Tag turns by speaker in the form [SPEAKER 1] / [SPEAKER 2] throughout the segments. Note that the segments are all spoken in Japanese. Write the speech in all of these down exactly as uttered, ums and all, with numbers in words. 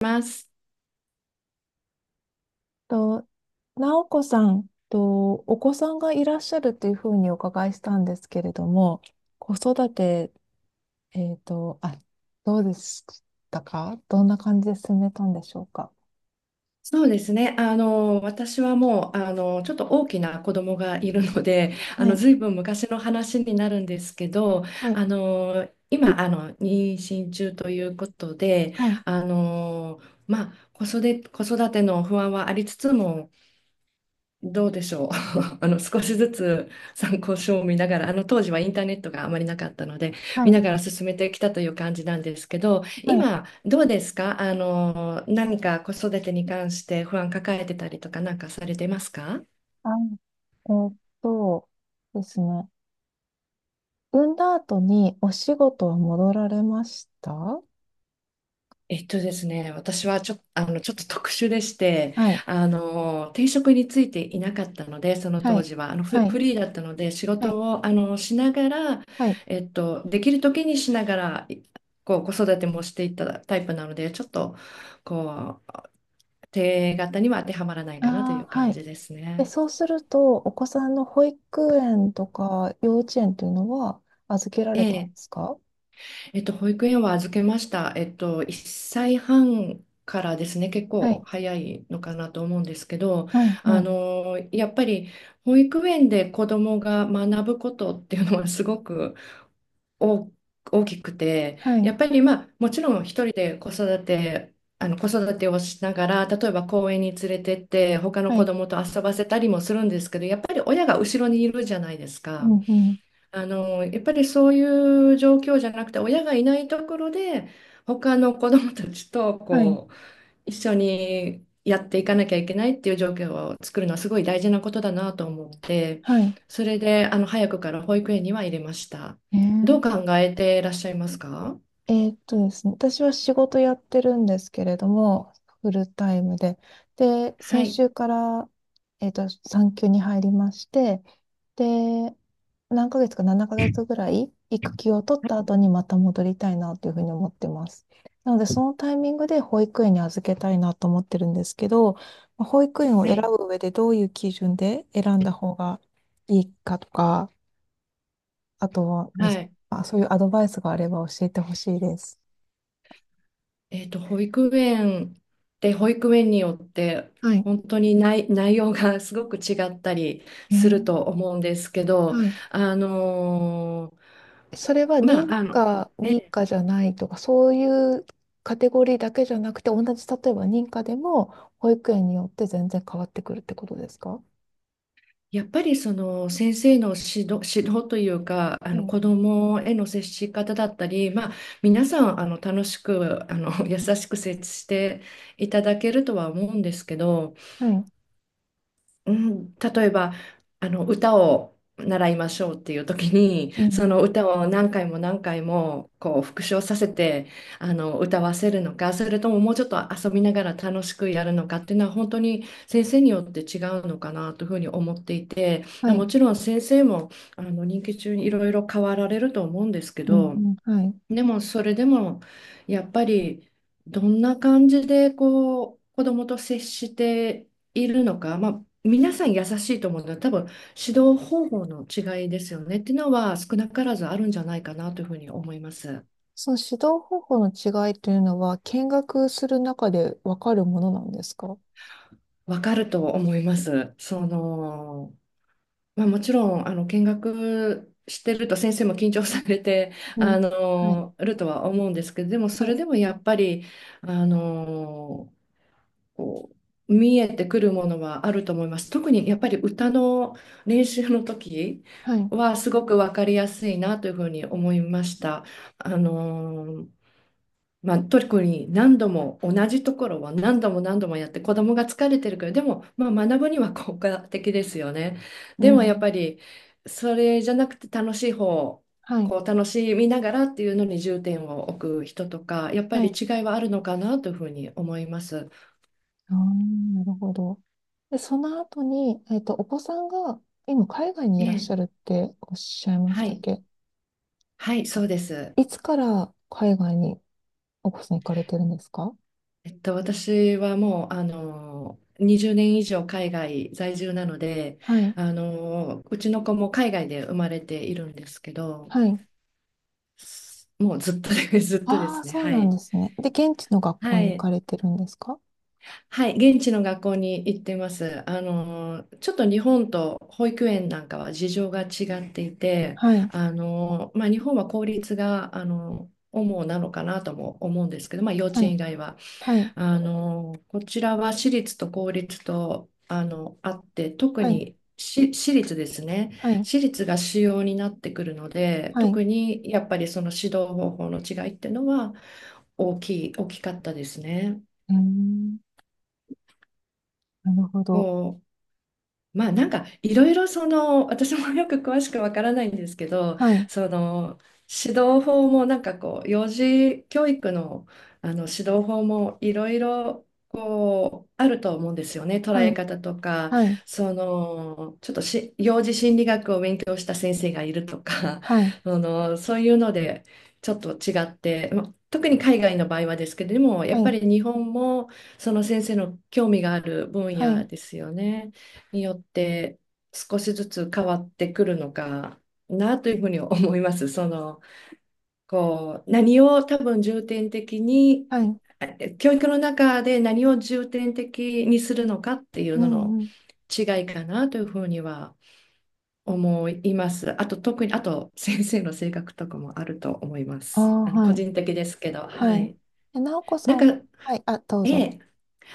[SPEAKER 1] ます。
[SPEAKER 2] と、なお子さんとお子さんがいらっしゃるというふうにお伺いしたんですけれども、子育て、えっと、あ、どうでしたか。どんな感じで進めたんでしょうか？
[SPEAKER 1] そうですね。あの、私はもう、あの、ちょっと大きな子供がいるので、あ
[SPEAKER 2] は
[SPEAKER 1] の、
[SPEAKER 2] い、
[SPEAKER 1] ずいぶん昔の話になるんですけど、
[SPEAKER 2] はい、
[SPEAKER 1] あの、今、あの、妊娠中ということで、
[SPEAKER 2] はい、
[SPEAKER 1] あの、まあ、子育て、子育ての不安はありつつも、どうでしょう。あの少しずつ参考書を見ながら、あの当時はインターネットがあまりなかったので、
[SPEAKER 2] は
[SPEAKER 1] 見
[SPEAKER 2] い、
[SPEAKER 1] ながら進めてきたという感じなんですけど、
[SPEAKER 2] はい。
[SPEAKER 1] 今どうですか？あの、何か子育てに関して不安抱えてたりとかなんかされてますか？
[SPEAKER 2] あ、えーっとですね。産んだ後にお仕事は戻られましたは
[SPEAKER 1] えっとですね、私はちょっと、あの、ちょっと特殊でして、
[SPEAKER 2] い、
[SPEAKER 1] あの、定職についていなかったので、その
[SPEAKER 2] は
[SPEAKER 1] 当
[SPEAKER 2] い、
[SPEAKER 1] 時は、あの、フ、
[SPEAKER 2] は
[SPEAKER 1] フ
[SPEAKER 2] い、
[SPEAKER 1] リーだったので、仕
[SPEAKER 2] は
[SPEAKER 1] 事
[SPEAKER 2] い、
[SPEAKER 1] を、あの、しながら、
[SPEAKER 2] はい。
[SPEAKER 1] えっと、できる時にしながら、いこう、子育てもしていったタイプなので、ちょっと、こう、定型には当てはまらないかなという
[SPEAKER 2] ああ、
[SPEAKER 1] 感
[SPEAKER 2] はい。
[SPEAKER 1] じです
[SPEAKER 2] で、
[SPEAKER 1] ね。
[SPEAKER 2] そうすると、お子さんの保育園とか幼稚園というのは預けられたんで
[SPEAKER 1] ええ
[SPEAKER 2] すか？
[SPEAKER 1] えっと、保育園は預けました。えっと、いっさいはんからですね、結
[SPEAKER 2] は
[SPEAKER 1] 構
[SPEAKER 2] い、
[SPEAKER 1] 早いのかなと思うんですけど、
[SPEAKER 2] はい、は
[SPEAKER 1] あ
[SPEAKER 2] い、
[SPEAKER 1] の、やっぱり保育園で子どもが学ぶことっていうのはすごく大、大きくて、
[SPEAKER 2] は
[SPEAKER 1] や
[SPEAKER 2] い、
[SPEAKER 1] っぱりまあ、もちろん一人で子育て、あの子育てをしながら、例えば公園に連れてって、他の
[SPEAKER 2] は
[SPEAKER 1] 子
[SPEAKER 2] い、
[SPEAKER 1] どもと遊ばせたりもするんですけど、やっぱり親が後ろにいるじゃないです
[SPEAKER 2] う
[SPEAKER 1] か。
[SPEAKER 2] ん、うん、
[SPEAKER 1] あの、やっぱりそういう状況じゃなくて、親がいないところで、他の子どもたちと
[SPEAKER 2] はい、
[SPEAKER 1] こう一緒にやっていかなきゃいけないっていう状況を作るのはすごい大事なことだなと思って、
[SPEAKER 2] はい。
[SPEAKER 1] それであの早くから保育園には入れました。どう考
[SPEAKER 2] ええ、
[SPEAKER 1] えていらっしゃいますか？
[SPEAKER 2] えーっとですね、私は仕事やってるんですけれども、フルタイムで。で、
[SPEAKER 1] は
[SPEAKER 2] 先
[SPEAKER 1] い、
[SPEAKER 2] 週から、えーっと、産休に入りまして、で、何ヶ月かななかげつぐらい育休を取った後にまた戻りたいなというふうに思ってます。なので、そのタイミングで保育園に預けたいなと思ってるんですけど、まあ保育園を
[SPEAKER 1] は
[SPEAKER 2] 選
[SPEAKER 1] い、
[SPEAKER 2] ぶ上でどういう基準で選んだ方がいいかとか、あとは、
[SPEAKER 1] はい。
[SPEAKER 2] あ、そういうアドバイスがあれば教えてほしいです。
[SPEAKER 1] えっと、保育園で保育園によって
[SPEAKER 2] はい。
[SPEAKER 1] 本当に内、内容が すごく違ったり
[SPEAKER 2] え
[SPEAKER 1] する
[SPEAKER 2] ー。
[SPEAKER 1] と思うんですけど、
[SPEAKER 2] はい。
[SPEAKER 1] あの
[SPEAKER 2] それは
[SPEAKER 1] ーま
[SPEAKER 2] 認
[SPEAKER 1] あ、あの、
[SPEAKER 2] 可、認
[SPEAKER 1] え、
[SPEAKER 2] 可じゃないとか、そういうカテゴリーだけじゃなくて、同じ、例えば認可でも、保育園によって全然変わってくるってことですか？
[SPEAKER 1] やっぱりその先生の指導、指導というか、あ
[SPEAKER 2] は
[SPEAKER 1] の
[SPEAKER 2] い。
[SPEAKER 1] 子どもへの接し方だったり、まあ、皆さんあの楽しくあの 優しく接していただけるとは思うんですけど、
[SPEAKER 2] はい。
[SPEAKER 1] うん、例えばあの歌を習いましょうっていう時に
[SPEAKER 2] う
[SPEAKER 1] そ
[SPEAKER 2] ん。
[SPEAKER 1] の歌を何回も何回もこう復唱させてあの歌わせるのかそれとももうちょっと遊びながら楽しくやるのかっていうのは本当に先生によって違うのかなというふうに思っていて、
[SPEAKER 2] は
[SPEAKER 1] も
[SPEAKER 2] い。
[SPEAKER 1] ちろん先生もあの任期中にいろいろ変わられると思うんですけ
[SPEAKER 2] うん。
[SPEAKER 1] ど、
[SPEAKER 2] うん。はい。
[SPEAKER 1] でもそれでもやっぱりどんな感じでこう子どもと接しているのか、まあ、皆さん優しいと思うのは多分指導方法の違いですよねっていうのは少なからずあるんじゃないかなというふうに思います。
[SPEAKER 2] その指導方法の違いというのは、見学する中でわかるものなんですか？
[SPEAKER 1] わかると思います。その、まあ、もちろんあの見学してると先生も緊張されて
[SPEAKER 2] う
[SPEAKER 1] あ
[SPEAKER 2] ん。はい。
[SPEAKER 1] のるとは思うんですけど、でもそ
[SPEAKER 2] は
[SPEAKER 1] れ
[SPEAKER 2] い。
[SPEAKER 1] でもやっぱりあのこう見えてくるものはあると思います。特にやっぱり歌の練習の時
[SPEAKER 2] はい。
[SPEAKER 1] はすごく分かりやすいなというふうに思いました。あのーまあ、特に何度も同じところは何度も何度もやって子供が疲れてるけどでも、まあ、学ぶには効果的ですよね。
[SPEAKER 2] う
[SPEAKER 1] でもやっ
[SPEAKER 2] ん。
[SPEAKER 1] ぱりそれじゃなくて楽しい方
[SPEAKER 2] はい。
[SPEAKER 1] こう楽しみながらっていうのに重点を置く人とかやっぱ
[SPEAKER 2] は
[SPEAKER 1] り
[SPEAKER 2] い。
[SPEAKER 1] 違いはあるのかなというふうに思います。
[SPEAKER 2] ああ、なるほど。で、その後に、えっと、お子さんが今海外にいらっ
[SPEAKER 1] え
[SPEAKER 2] しゃ
[SPEAKER 1] え、
[SPEAKER 2] るっておっしゃいまし
[SPEAKER 1] は
[SPEAKER 2] たっ
[SPEAKER 1] い
[SPEAKER 2] け？
[SPEAKER 1] はい、そうです。
[SPEAKER 2] いつから海外にお子さん行かれてるんですか？
[SPEAKER 1] えっと、私はもう、あの、にじゅうねん以上海外在住なので、
[SPEAKER 2] はい。
[SPEAKER 1] あの、うちの子も海外で生まれているんですけど、
[SPEAKER 2] はい。
[SPEAKER 1] すもうずっとで ずっとで
[SPEAKER 2] ああ、
[SPEAKER 1] すね。
[SPEAKER 2] そう
[SPEAKER 1] は
[SPEAKER 2] なん
[SPEAKER 1] い。
[SPEAKER 2] ですね。で、現地の学校
[SPEAKER 1] は
[SPEAKER 2] に行か
[SPEAKER 1] い。
[SPEAKER 2] れてるんですか？
[SPEAKER 1] はい。現地の学校に行ってます。あの、ちょっと日本と保育園なんかは事情が違っていて、
[SPEAKER 2] はい。
[SPEAKER 1] あの、まあ、日本は公立が、あの、主なのかなとも思うんですけど、まあ、幼稚
[SPEAKER 2] は
[SPEAKER 1] 園
[SPEAKER 2] い。
[SPEAKER 1] 以外は。
[SPEAKER 2] はい。
[SPEAKER 1] あの、こちらは私立と公立と、あの、あって、特
[SPEAKER 2] はい。
[SPEAKER 1] にし私立ですね。
[SPEAKER 2] はい。
[SPEAKER 1] 私立が主要になってくるので、
[SPEAKER 2] はい。う
[SPEAKER 1] 特にやっぱりその指導方法の違いっていうのは大きい、大きかったですね。
[SPEAKER 2] ーん。なるほ
[SPEAKER 1] こ
[SPEAKER 2] ど。
[SPEAKER 1] うまあなんかいろいろその私もよく詳しくわからないんですけど、
[SPEAKER 2] はい。
[SPEAKER 1] その指導法もなんかこう幼児教育の、あの指導法もいろいろこうあると思うんですよね、捉
[SPEAKER 2] は
[SPEAKER 1] え
[SPEAKER 2] い。
[SPEAKER 1] 方とか、
[SPEAKER 2] はい。
[SPEAKER 1] そのちょっとし幼児心理学を勉強した先生がいるとか
[SPEAKER 2] はい。
[SPEAKER 1] そのそういうのでちょっと違って、まあ特に海外の場合はですけれどもや
[SPEAKER 2] は
[SPEAKER 1] っぱ
[SPEAKER 2] い。
[SPEAKER 1] り日本もその先生の興味がある分
[SPEAKER 2] は
[SPEAKER 1] 野
[SPEAKER 2] い。
[SPEAKER 1] ですよね。によって少しずつ変わってくるのかなというふうに思います。その、こう、何を多分重点的に、
[SPEAKER 2] はい。
[SPEAKER 1] え教育の中で何を重点的にするのかっていう
[SPEAKER 2] う
[SPEAKER 1] のの
[SPEAKER 2] んうん。
[SPEAKER 1] 違いかなというふうには思います。あと、特に、あと、先生の性格とかもあると思いま
[SPEAKER 2] ああ、
[SPEAKER 1] す。あの、
[SPEAKER 2] は
[SPEAKER 1] 個
[SPEAKER 2] い。
[SPEAKER 1] 人的ですけど、
[SPEAKER 2] は
[SPEAKER 1] は
[SPEAKER 2] い。
[SPEAKER 1] い。
[SPEAKER 2] え、なおこさ
[SPEAKER 1] なん
[SPEAKER 2] ん
[SPEAKER 1] か、
[SPEAKER 2] は、はい。あ、どう
[SPEAKER 1] え
[SPEAKER 2] ぞ。
[SPEAKER 1] え、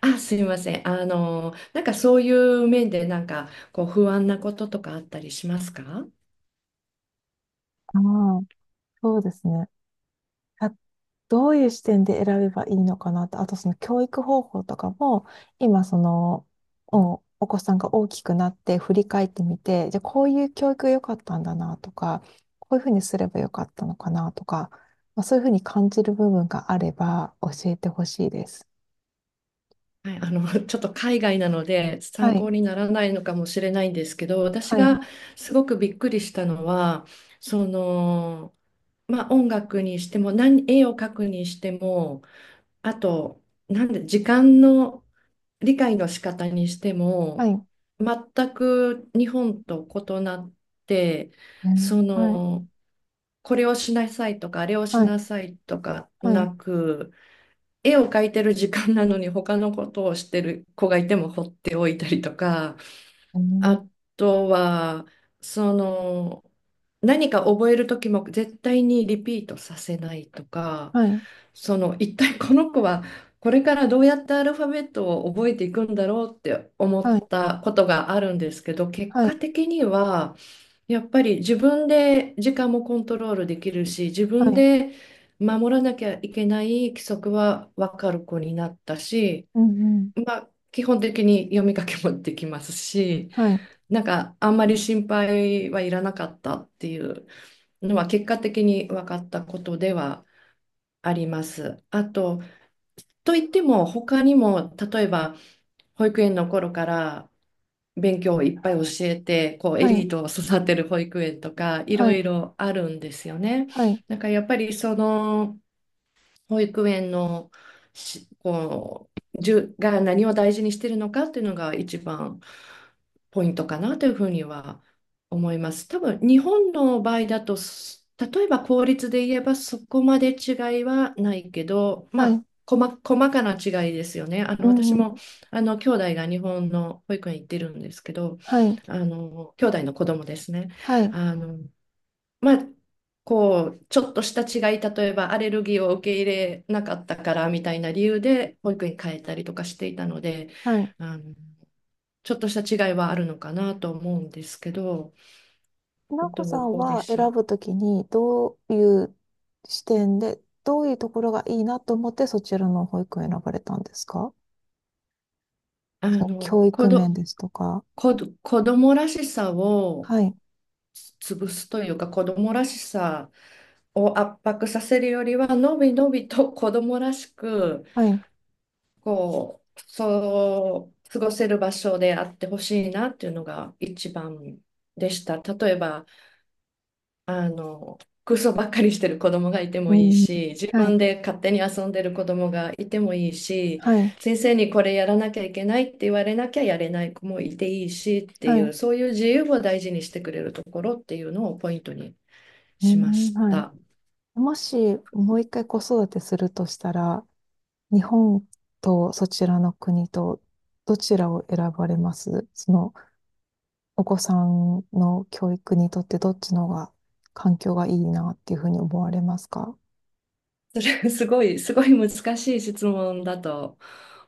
[SPEAKER 1] あ、すいません。あの、なんかそういう面で、なんかこう不安なこととかあったりしますか？
[SPEAKER 2] ああ、そうですね。あ、どういう視点で選べばいいのかなと、あとその教育方法とかも、今その、お、お子さんが大きくなって振り返ってみて、じゃあこういう教育が良かったんだなとか、こういうふうにすれば良かったのかなとか、まあ、そういうふうに感じる部分があれば教えてほしいです。
[SPEAKER 1] はい、あの、ちょっと海外なので
[SPEAKER 2] は
[SPEAKER 1] 参
[SPEAKER 2] い、
[SPEAKER 1] 考にならないのかもしれないんですけど、私
[SPEAKER 2] はい、
[SPEAKER 1] がすごくびっくりしたのは、その、まあ音楽にしても、何、絵を描くにしても、あと、なんで、時間の理解の仕方にして
[SPEAKER 2] は
[SPEAKER 1] も、
[SPEAKER 2] い、
[SPEAKER 1] 全く日本と異なって、
[SPEAKER 2] うん、
[SPEAKER 1] そ
[SPEAKER 2] はい、
[SPEAKER 1] の、これをしなさいとか、あれをし
[SPEAKER 2] はい、
[SPEAKER 1] なさいとか
[SPEAKER 2] はい、
[SPEAKER 1] なく、絵を描いてる時間なのに他のことをしてる子がいても放っておいたりとか、
[SPEAKER 2] うん、
[SPEAKER 1] あとは、その、何か覚える時も絶対にリピートさせないとか、
[SPEAKER 2] はい、
[SPEAKER 1] その、一体この子はこれからどうやってアルファベットを覚えていくんだろうって思っ
[SPEAKER 2] はい、
[SPEAKER 1] たことがあるんですけど、結
[SPEAKER 2] は
[SPEAKER 1] 果
[SPEAKER 2] い、
[SPEAKER 1] 的には、やっぱり自分で時間もコントロールできるし、自
[SPEAKER 2] は
[SPEAKER 1] 分
[SPEAKER 2] い、
[SPEAKER 1] で守らなきゃいけない規則は分かる子になったし、
[SPEAKER 2] うんうん、
[SPEAKER 1] まあ、基本的に読み書きもできますし、
[SPEAKER 2] はい、
[SPEAKER 1] なんかあんまり心配はいらなかったっていうのは結果的に分かったことではあります。あと、といっても他にも、例えば保育園の頃から勉強をいっぱい教えて、こうエ
[SPEAKER 2] は
[SPEAKER 1] リ
[SPEAKER 2] い、
[SPEAKER 1] ートを育てる保育園とかい
[SPEAKER 2] は
[SPEAKER 1] ろい
[SPEAKER 2] い、
[SPEAKER 1] ろあるんですよね。
[SPEAKER 2] はい。
[SPEAKER 1] なんかやっぱりその保育園のし、こう、じゅ、が何を大事にしてるのかっていうのが一番ポイントかなというふうには思います。多分日本の場合だと、す例えば公立で言えばそこまで違いはないけど、ま
[SPEAKER 2] は
[SPEAKER 1] あ、
[SPEAKER 2] い。
[SPEAKER 1] 細、細かな違いですよね。あの
[SPEAKER 2] う
[SPEAKER 1] 私
[SPEAKER 2] ん。
[SPEAKER 1] もあの兄弟が日本の保育園行ってるんですけど、
[SPEAKER 2] はい、
[SPEAKER 1] あの兄弟の子供ですね。
[SPEAKER 2] はい、
[SPEAKER 1] あのまあ、こう、ちょっとした違い、例えばアレルギーを受け入れなかったからみたいな理由で保育園変えたりとかしていたので、
[SPEAKER 2] はい。
[SPEAKER 1] あの、ちょっとした違いはあるのかなと思うんですけど、
[SPEAKER 2] なおこ
[SPEAKER 1] ど
[SPEAKER 2] さん
[SPEAKER 1] うで
[SPEAKER 2] は
[SPEAKER 1] しょ
[SPEAKER 2] 選
[SPEAKER 1] う。
[SPEAKER 2] ぶときに、どういう視点で、どういうところがいいなと思って、そちらの保育を選ばれたんですか？
[SPEAKER 1] あ
[SPEAKER 2] その
[SPEAKER 1] の、
[SPEAKER 2] 教
[SPEAKER 1] 子
[SPEAKER 2] 育面
[SPEAKER 1] ど、
[SPEAKER 2] ですとか。
[SPEAKER 1] 子ど、子供らしさを
[SPEAKER 2] はい、
[SPEAKER 1] 潰すというか、子供らしさを圧迫させるよりは、のびのびと子供らしく、
[SPEAKER 2] はい、
[SPEAKER 1] こう、そう、過ごせる場所であってほしいなっていうのが一番でした。例えば、あの、空想ばっかりしてる子供がいて
[SPEAKER 2] う
[SPEAKER 1] もいい
[SPEAKER 2] ん、
[SPEAKER 1] し、自
[SPEAKER 2] はい、
[SPEAKER 1] 分で勝手に遊んでる子供がいてもいいし、
[SPEAKER 2] はい、
[SPEAKER 1] 先生にこれやらなきゃいけないって言われなきゃやれない子もいていいしって
[SPEAKER 2] は
[SPEAKER 1] いう、
[SPEAKER 2] い、
[SPEAKER 1] そういう自由を大事にしてくれるところっていうのをポイントに
[SPEAKER 2] う
[SPEAKER 1] しま
[SPEAKER 2] ん、
[SPEAKER 1] し
[SPEAKER 2] は
[SPEAKER 1] た。
[SPEAKER 2] い。もし、もう一回子育てするとしたら、日本とそちらの国と、どちらを選ばれますそのお子さんの教育にとってどっちの方が環境がいいなっていうふうに思われますか？
[SPEAKER 1] それ すごい、すごい難しい質問だと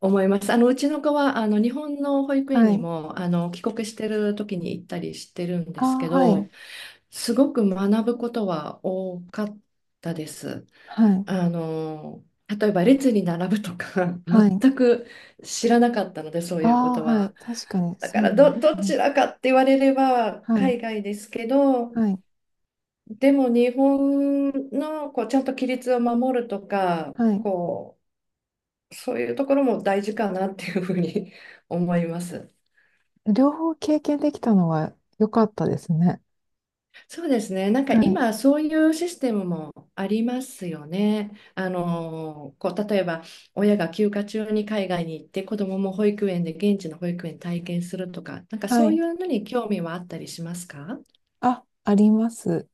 [SPEAKER 1] 思います。あの、うちの子は、あの、日本の保育園
[SPEAKER 2] は
[SPEAKER 1] に
[SPEAKER 2] い。
[SPEAKER 1] も、あの、帰国してる時に行ったりしてるん
[SPEAKER 2] あ
[SPEAKER 1] ですけ
[SPEAKER 2] あ、は
[SPEAKER 1] ど、
[SPEAKER 2] い。
[SPEAKER 1] すごく学ぶことは多かったです。
[SPEAKER 2] はい。
[SPEAKER 1] あの、例えば列に並ぶとか、
[SPEAKER 2] はい。
[SPEAKER 1] 全く知らなかったので、そう
[SPEAKER 2] あ
[SPEAKER 1] いうこと
[SPEAKER 2] あ、は
[SPEAKER 1] は。
[SPEAKER 2] い。確かに、
[SPEAKER 1] だか
[SPEAKER 2] そうい
[SPEAKER 1] ら、
[SPEAKER 2] う
[SPEAKER 1] ど、ど
[SPEAKER 2] の。
[SPEAKER 1] ちらかって言われれば、
[SPEAKER 2] は
[SPEAKER 1] 海
[SPEAKER 2] い。
[SPEAKER 1] 外ですけど、
[SPEAKER 2] はい。
[SPEAKER 1] でも日本のこうちゃんと規律を守るとか、
[SPEAKER 2] はい。
[SPEAKER 1] こうそういうところも大事かなっていうふうに 思います。
[SPEAKER 2] 両方経験できたのは良かったですね。
[SPEAKER 1] そうですね。なんか
[SPEAKER 2] はい。
[SPEAKER 1] 今そういうシステムもありますよね。あのこう例えば親が休暇中に海外に行って子どもも保育園で現地の保育園体験するとか、なんか
[SPEAKER 2] は
[SPEAKER 1] そうい
[SPEAKER 2] い。
[SPEAKER 1] うのに興味はあったりしますか？
[SPEAKER 2] あ、あります。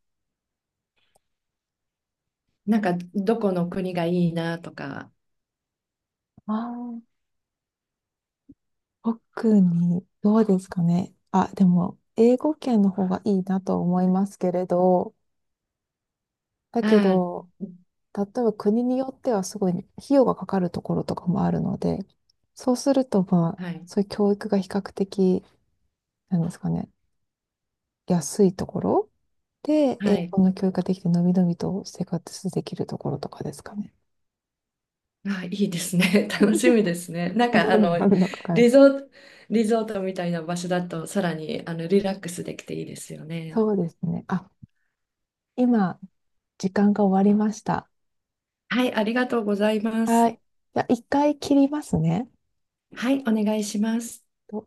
[SPEAKER 1] なんかどこの国がいいなとか。
[SPEAKER 2] ああ、特に、どうですかね。あ、でも、英語圏の方がいいなと思いますけれど、だけ
[SPEAKER 1] あ
[SPEAKER 2] ど、例えば国によってはすごい費用がかかるところとかもあるので、そうするとまあ、
[SPEAKER 1] あ、はい。
[SPEAKER 2] そういう教育が比較的、なんですかね、安いところで、英
[SPEAKER 1] はい。
[SPEAKER 2] 語の教育ができて、のびのびと生活できるところとかですかね。
[SPEAKER 1] あ、いいですね。楽 しみですね。なん
[SPEAKER 2] そん
[SPEAKER 1] かあ
[SPEAKER 2] なの
[SPEAKER 1] の
[SPEAKER 2] があるのかないで
[SPEAKER 1] リ
[SPEAKER 2] す
[SPEAKER 1] ゾ
[SPEAKER 2] か。
[SPEAKER 1] ート、リゾートみたいな場所だとさらにあのリラックスできていいですよね。
[SPEAKER 2] そうですね。あ、今、時間が終わりました。
[SPEAKER 1] はい、ありがとうございま
[SPEAKER 2] は
[SPEAKER 1] す。
[SPEAKER 2] い。じゃあ、一回切りますね。
[SPEAKER 1] はい、お願いします。